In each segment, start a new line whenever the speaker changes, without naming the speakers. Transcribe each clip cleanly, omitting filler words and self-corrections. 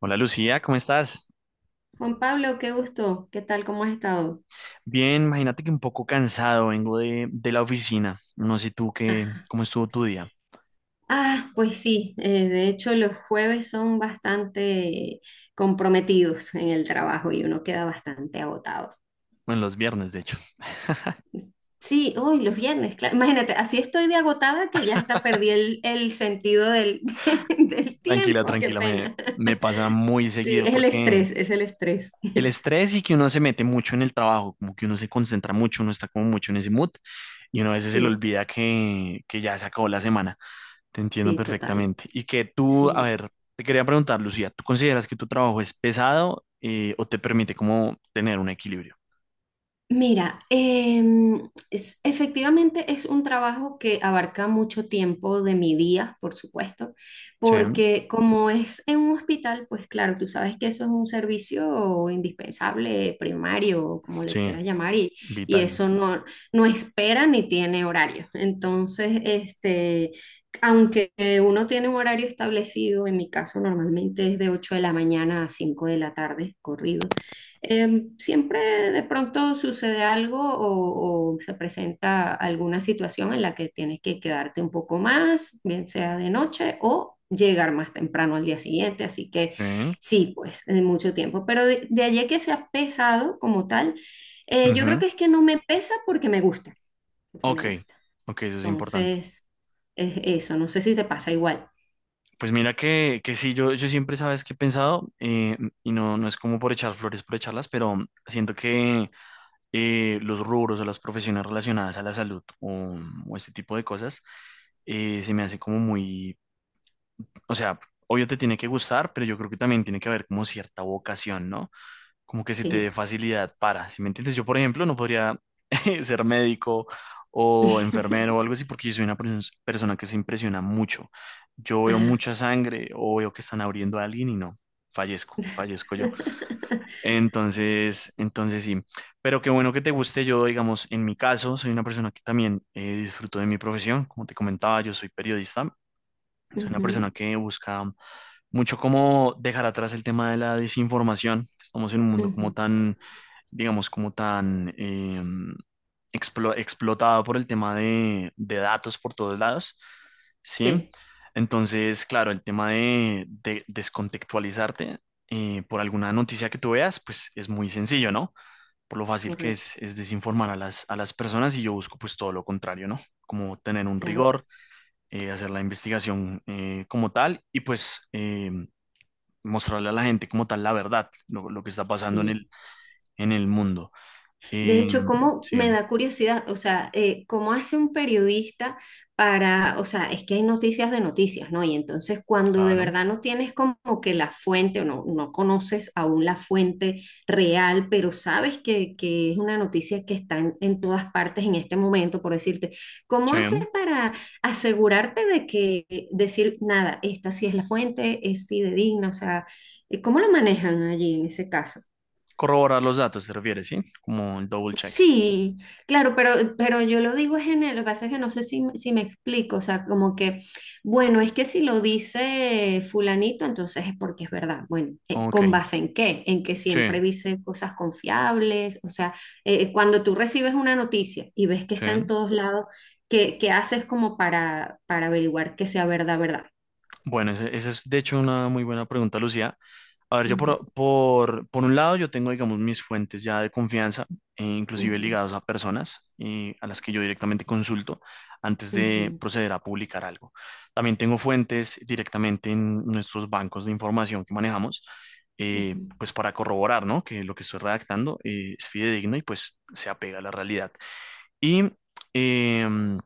Hola Lucía, ¿cómo estás?
Juan Pablo, qué gusto. ¿Qué tal? ¿Cómo has estado?
Bien, imagínate que un poco cansado, vengo de la oficina. No sé tú qué,
Ajá.
cómo estuvo tu día.
Ah, pues sí, de hecho los jueves son bastante comprometidos en el trabajo y uno queda bastante agotado.
Bueno, los viernes, de hecho.
Sí, hoy los viernes, claro. Imagínate, así estoy de agotada que ya hasta perdí el sentido del, del
Tranquila,
tiempo, qué
tranquila,
pena.
me pasa muy
Sí,
seguido
es el
porque
estrés, es el estrés.
el estrés y que uno se mete mucho en el trabajo, como que uno se concentra mucho, uno está como mucho en ese mood y uno a veces se le
Sí,
olvida que ya se acabó la semana. Te entiendo
sí, total.
perfectamente. Y que tú, a
Sí.
ver, te quería preguntar, Lucía, ¿tú consideras que tu trabajo es pesado o te permite como tener un equilibrio?
Mira, efectivamente es un trabajo que abarca mucho tiempo de mi día, por supuesto,
Sí,
porque como es en un hospital, pues claro, tú sabes que eso es un servicio indispensable, primario, o como le
sí.
quieras llamar, y y
Vital.
eso no, no espera ni tiene horario. Entonces, este, aunque uno tiene un horario establecido, en mi caso normalmente es de 8 de la mañana a 5 de la tarde, corrido. Siempre de pronto sucede algo o se presenta alguna situación en la que tienes que quedarte un poco más, bien sea de noche o llegar más temprano al día siguiente. Así que
¿Eh?
sí, pues de mucho tiempo. Pero de allí a que sea pesado como tal, yo creo
Ujú.
que es que no me pesa porque me gusta, porque
Ok,
me gusta.
ok, eso es importante.
Entonces, es eso, no sé si te pasa igual.
Pues mira que sí, yo siempre sabes que he pensado, y no, no es como por echar flores, por echarlas, pero siento que los rubros o las profesiones relacionadas a la salud o este tipo de cosas se me hace como muy, o sea, obvio te tiene que gustar, pero yo creo que también tiene que haber como cierta vocación, ¿no? Como que se te dé
Sí.
facilidad para, ¿si me entiendes? Yo, por ejemplo, no podría ser médico o enfermero o algo así porque yo soy una persona que se impresiona mucho. Yo veo
Ah.
mucha sangre o veo que están abriendo a alguien y no, fallezco, fallezco yo. Entonces, sí, pero qué bueno que te guste. Yo, digamos, en mi caso, soy una persona que también disfruto de mi profesión. Como te comentaba, yo soy periodista. Soy una persona
Ujú,
que busca mucho cómo dejar atrás el tema de la desinformación. Estamos en un mundo como
ujú.
tan digamos, como tan explotado por el tema de datos por todos lados, ¿sí?
Sí,
Entonces, claro, el tema de descontextualizarte por alguna noticia que tú veas, pues es muy sencillo, ¿no? Por lo fácil que
correcto.
es desinformar a a las personas y yo busco pues todo lo contrario, ¿no? Como tener un
Claro,
rigor, hacer la investigación como tal y pues mostrarle a la gente como tal la verdad, lo que está pasando en
sí.
en el mundo.
De
Eh,
hecho, ¿cómo
sí,
me da curiosidad? O sea, ¿cómo hace un periodista para, o sea, es que hay noticias de noticias, ¿no? Y entonces cuando de
claro.
verdad no tienes como que la fuente o no, no conoces aún la fuente real, pero sabes que es una noticia que está en todas partes en este momento, por decirte, ¿cómo haces
Sí.
para asegurarte de que decir, nada, esta sí es la fuente, es fidedigna? O sea, ¿cómo lo manejan allí en ese caso?
Corroborar los datos, se refiere, ¿sí? Como el double check.
Sí, claro, pero yo lo digo es en el, lo que pasa es que no sé si, si me explico, o sea, como que, bueno, es que si lo dice fulanito, entonces es porque es verdad. Bueno,
Ok,
¿con base en qué? En que siempre
sí,
dice cosas confiables, o sea, cuando tú recibes una noticia y ves que está en
sí.
todos lados, ¿qué, qué haces como para averiguar que sea verdad, verdad?
Bueno, esa es de hecho una muy buena pregunta, Lucía. A ver, yo
Ujú,
por un lado, yo tengo, digamos, mis fuentes ya de confianza, inclusive
ujú,
ligados a personas a las que yo directamente consulto antes de
ujú,
proceder a publicar algo. También tengo fuentes directamente en nuestros bancos de información que manejamos,
ujú.
pues para corroborar, ¿no? Que lo que estoy redactando es fidedigno y pues se apega a la realidad. Y, em,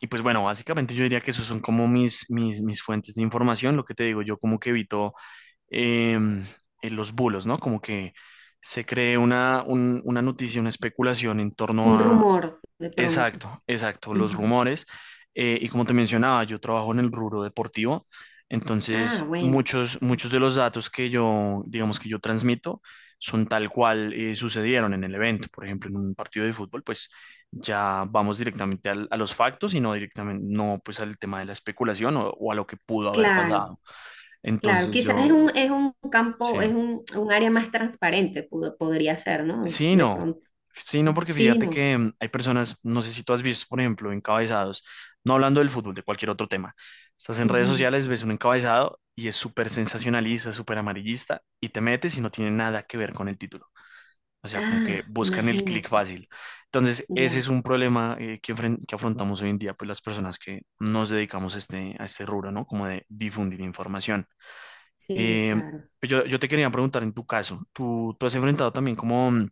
y pues bueno, básicamente yo diría que esos son como mis fuentes de información. Lo que te digo, yo como que evito em, en los bulos, ¿no? Como que se cree una, una noticia, una especulación en
Un
torno a,
rumor de pronto.
exacto, exacto, los
Ujú.
rumores. Y como te mencionaba, yo trabajo en el rubro deportivo,
Ah,
entonces
bueno.
muchos de los datos que yo, digamos que yo transmito, son tal cual sucedieron en el evento. Por ejemplo, en un partido de fútbol, pues ya vamos directamente a los factos y no directamente, no pues al tema de la especulación o a lo que pudo haber
Claro.
pasado.
Claro,
Entonces
quizás
yo,
es un campo,
sí.
es un área más transparente, podría ser, ¿no?
Sí,
De
no.
pronto.
Sí, no, porque
Sí,
fíjate
no.
que hay personas, no sé si tú has visto, por ejemplo, encabezados, no hablando del fútbol, de cualquier otro tema. Estás en redes
Ujú.
sociales, ves un encabezado y es súper sensacionalista, súper amarillista, y te metes y no tiene nada que ver con el título. O sea, como que
Ah,
buscan el clic
imagínate.
fácil. Entonces, ese es
Ya,
un problema que afrontamos hoy en día, pues las personas que nos dedicamos a a este rubro, ¿no? Como de difundir información.
sí,
Eh,
claro.
yo te quería preguntar en tu caso, tú has enfrentado también como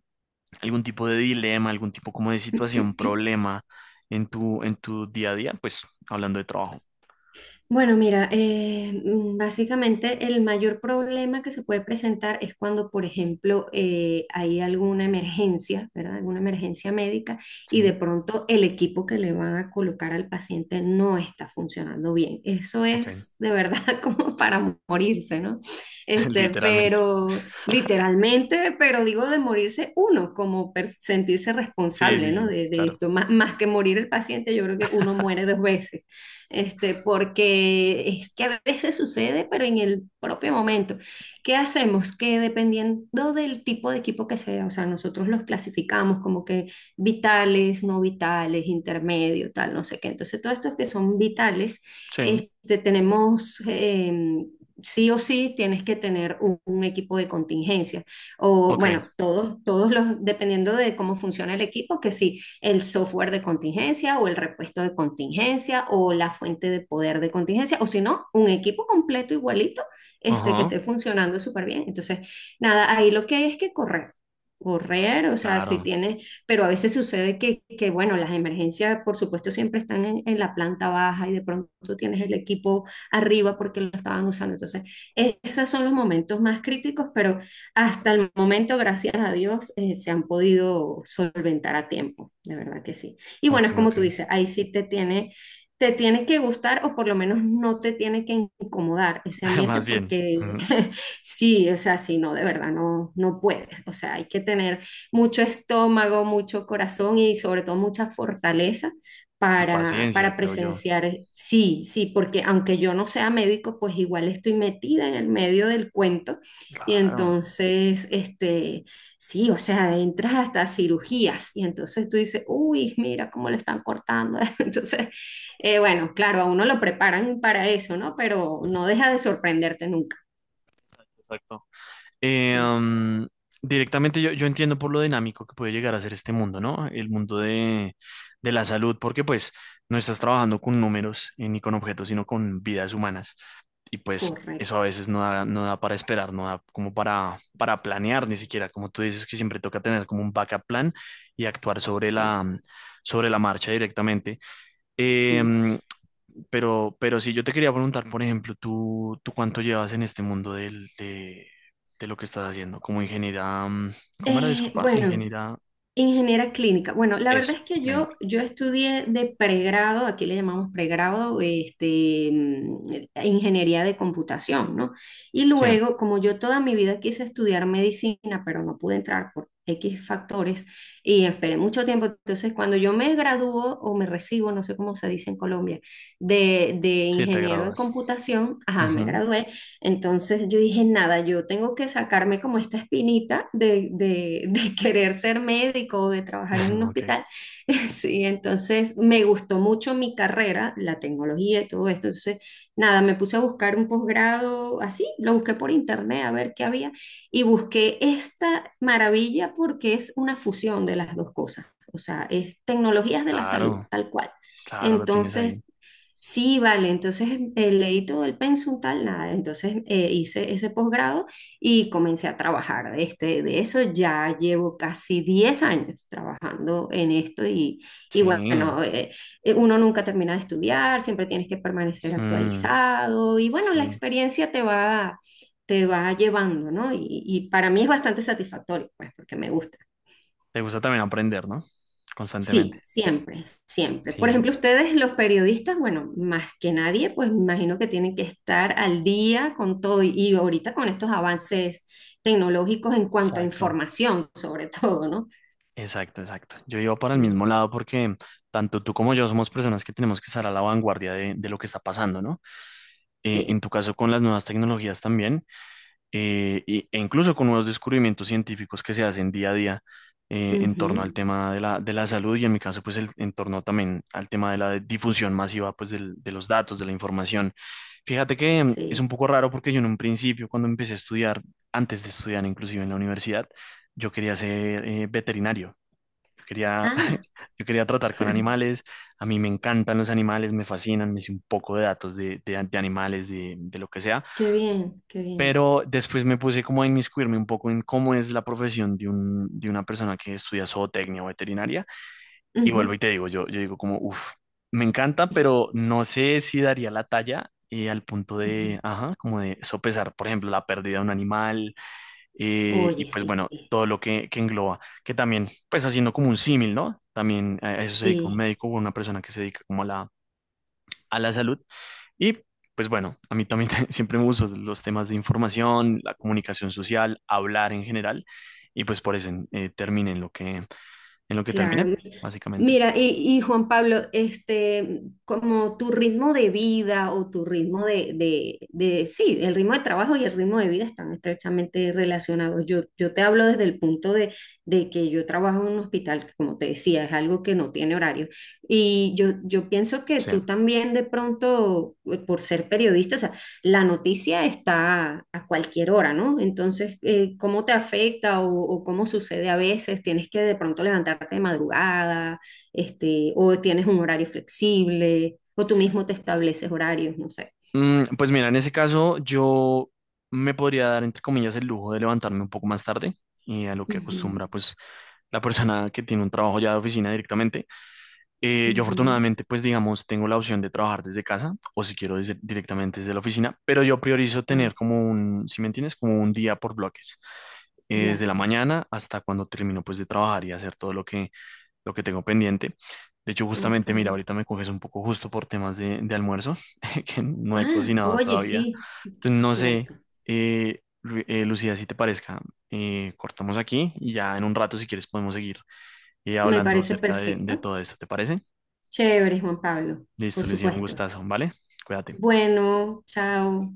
algún tipo de dilema, algún tipo como de situación, problema en en tu día a día? Pues hablando de trabajo.
Bueno, mira, básicamente el mayor problema que se puede presentar es cuando, por ejemplo, hay alguna emergencia, ¿verdad? Alguna emergencia médica y
Sí,
de pronto el equipo que le van a colocar al paciente no está funcionando bien. Eso
ok,
es de verdad como para morirse, ¿no? Este,
literalmente.
pero literalmente, pero digo de morirse uno, como sentirse
Sí, sí,
responsable, ¿no?
sí,
De
claro.
esto, más, más que morir el paciente, yo creo que uno muere dos veces este, porque es que a veces sucede, pero en el propio momento. ¿Qué hacemos? Que dependiendo del tipo de equipo que sea, o sea, nosotros los clasificamos como que vitales, no vitales, intermedio, tal, no sé qué. Entonces, todos estos que son vitales,
Sí,
este, tenemos... sí o sí tienes que tener un equipo de contingencia. O
ok.
bueno, todos, todos los, dependiendo de cómo funciona el equipo, que sí, el software de contingencia o el repuesto de contingencia o la fuente de poder de contingencia, o si no, un equipo completo igualito este, que
Ajá.
esté funcionando súper bien. Entonces, nada, ahí lo que hay es que correr correr, o sea, si
Claro,
tiene, pero a veces sucede que bueno, las emergencias, por supuesto, siempre están en, la planta baja y de pronto tienes el equipo arriba porque lo estaban usando. Entonces, esos son los momentos más críticos, pero hasta el momento, gracias a Dios, se han podido solventar a tiempo, de verdad que sí. Y bueno,
ok,
es
ok.
como tú dices, ahí sí te tiene que gustar o por lo menos no te tiene que incomodar ese ambiente
Más bien.
porque
Ujú.
sí, o sea, sí, no, de verdad, no, no puedes. O sea, hay que tener mucho estómago, mucho corazón y sobre todo mucha fortaleza
Y paciencia,
para
creo yo.
presenciar. Sí, sí, porque aunque yo no sea médico, pues igual estoy metida en el medio del cuento y
Claro,
entonces, este, sí, o sea, entras hasta cirugías y entonces tú dices, uy, mira cómo le están cortando. Entonces, bueno, claro, a uno lo preparan para eso, ¿no? Pero no deja de sorprenderte nunca.
exacto.
Sí,
Mm, directamente yo entiendo por lo dinámico que puede llegar a ser este mundo, ¿no? El mundo de la salud, porque pues no estás trabajando con números ni con objetos, sino con vidas humanas. Y pues eso a
correcto,
veces no da, no da para esperar, no da como para planear ni siquiera, como tú dices que siempre toca tener como un backup plan y actuar
sí,
sobre la marcha directamente.
sí.
Em, pero sí, yo te quería preguntar, por ejemplo, tú cuánto llevas en este mundo de lo que estás haciendo? Como ingeniera, mm, ¿cómo era? Disculpa,
Bueno.
ingeniera,
Ingeniera clínica. Bueno, la verdad
eso,
es que
clínica.
yo estudié de pregrado, aquí le llamamos pregrado, este, ingeniería de computación, ¿no? Y
Sí,
luego, como yo toda mi vida quise estudiar medicina, pero no pude entrar por X factores y esperé mucho tiempo, entonces cuando yo me gradúo o me recibo, no sé cómo se dice en Colombia, de
sí, te
ingeniero en
gradúas.
computación, ajá, me
Ujú.
gradué, entonces yo dije, nada, yo tengo que sacarme como esta espinita de querer ser médico o de trabajar en un
Ok,
hospital. Sí, entonces me gustó mucho mi carrera, la tecnología y todo esto. Entonces, nada, me puse a buscar un posgrado así, lo busqué por internet a ver qué había y busqué esta maravilla porque es una fusión de las dos cosas. O sea, es tecnologías de la salud,
claro,
tal cual.
claro, lo tienes
Entonces
ahí.
sí, vale, entonces leí todo el pensum tal, nada, entonces hice ese posgrado y comencé a trabajar de, este, de eso, ya llevo casi 10 años trabajando en esto y
Sí,
bueno, uno nunca termina de estudiar, siempre tienes que permanecer
mm,
actualizado y bueno, la
sí.
experiencia te va llevando, ¿no? Y para mí es bastante satisfactorio, pues, porque me gusta.
Te gusta también aprender, ¿no? Constantemente.
Sí, siempre, siempre. Por
Sí,
ejemplo, ustedes, los periodistas, bueno, más que nadie, pues me imagino que tienen que estar al día con todo y ahorita con estos avances tecnológicos en cuanto a
exacto.
información, sobre todo, ¿no?
Exacto, exacto. Yo iba para el
Sí.
mismo lado porque tanto tú como yo somos personas que tenemos que estar a la vanguardia de lo que está pasando, ¿no? En
Sí.
tu caso con las nuevas tecnologías también, y- e incluso con nuevos descubrimientos científicos que se hacen día a día en torno
Ujú,
al tema de de la salud y en mi caso pues el, en torno también al tema de la difusión masiva pues de los datos, de la información. Fíjate que mm, es un
sí.
poco raro porque yo en un principio cuando empecé a estudiar, antes de estudiar inclusive en la universidad, yo quería ser veterinario. Quería,
Ah,
yo quería tratar con animales, a mí me encantan los animales, me fascinan, me hice un poco de datos de animales, de lo que sea,
qué bien, qué bien.
pero después me puse como a inmiscuirme un poco en cómo es la profesión de, un, de una persona que estudia zootecnia o veterinaria, y
Ujú,
vuelvo y te digo, yo digo como, uff, me encanta, pero no sé si daría la talla al punto
ujú.
de, ajá, como de sopesar, por ejemplo, la pérdida de un animal y
Oye,
pues
sí,
bueno, todo lo que engloba, que también, pues haciendo como un símil, ¿no? También a eso se dedica un
sí,
médico o una persona que se dedica como a la salud. Y pues bueno, a mí también siempre me gustan los temas de información, la comunicación social, hablar en general, y pues por eso terminé en lo que terminé,
claro.
básicamente.
Mira, y Juan Pablo, este, como tu ritmo de vida o tu ritmo sí, el ritmo de trabajo y el ritmo de vida están estrechamente relacionados. Yo te hablo desde el punto de que yo trabajo en un hospital, que como te decía, es algo que no tiene horario. Y yo pienso que
Sí.
tú también de pronto, por ser periodista, o sea, la noticia está a cualquier hora, ¿no? Entonces, ¿cómo te afecta o cómo sucede a veces? ¿Tienes que de pronto levantarte de madrugada? Este, o tienes un horario flexible, o tú mismo te estableces horarios, no sé.
Mm, pues mira, en ese caso yo me podría dar, entre comillas, el lujo de levantarme un poco más tarde y a lo que
Ujú,
acostumbra, pues la persona que tiene un trabajo ya de oficina directamente. Yo
ujú.
afortunadamente, pues digamos, tengo la opción de trabajar desde casa o si quiero directamente desde la oficina, pero yo priorizo
Ah,
tener como un, si me entiendes, como un día por bloques, desde
ya,
la mañana hasta cuando termino pues de trabajar y hacer todo lo que tengo pendiente. De hecho,
ok.
justamente, mira, ahorita me coges un poco justo por temas de almuerzo, que no he
Ah,
cocinado
oye,
todavía.
sí,
Entonces, no sé,
cierto.
Lucía, si te parezca, cortamos aquí y ya en un rato, si quieres, podemos seguir y
Me
hablando
parece
acerca
perfecto.
de todo esto, ¿te parece?
Chévere, Juan Pablo,
Listo,
por
les decía un
supuesto.
gustazo, ¿vale? Cuídate.
Bueno, chao.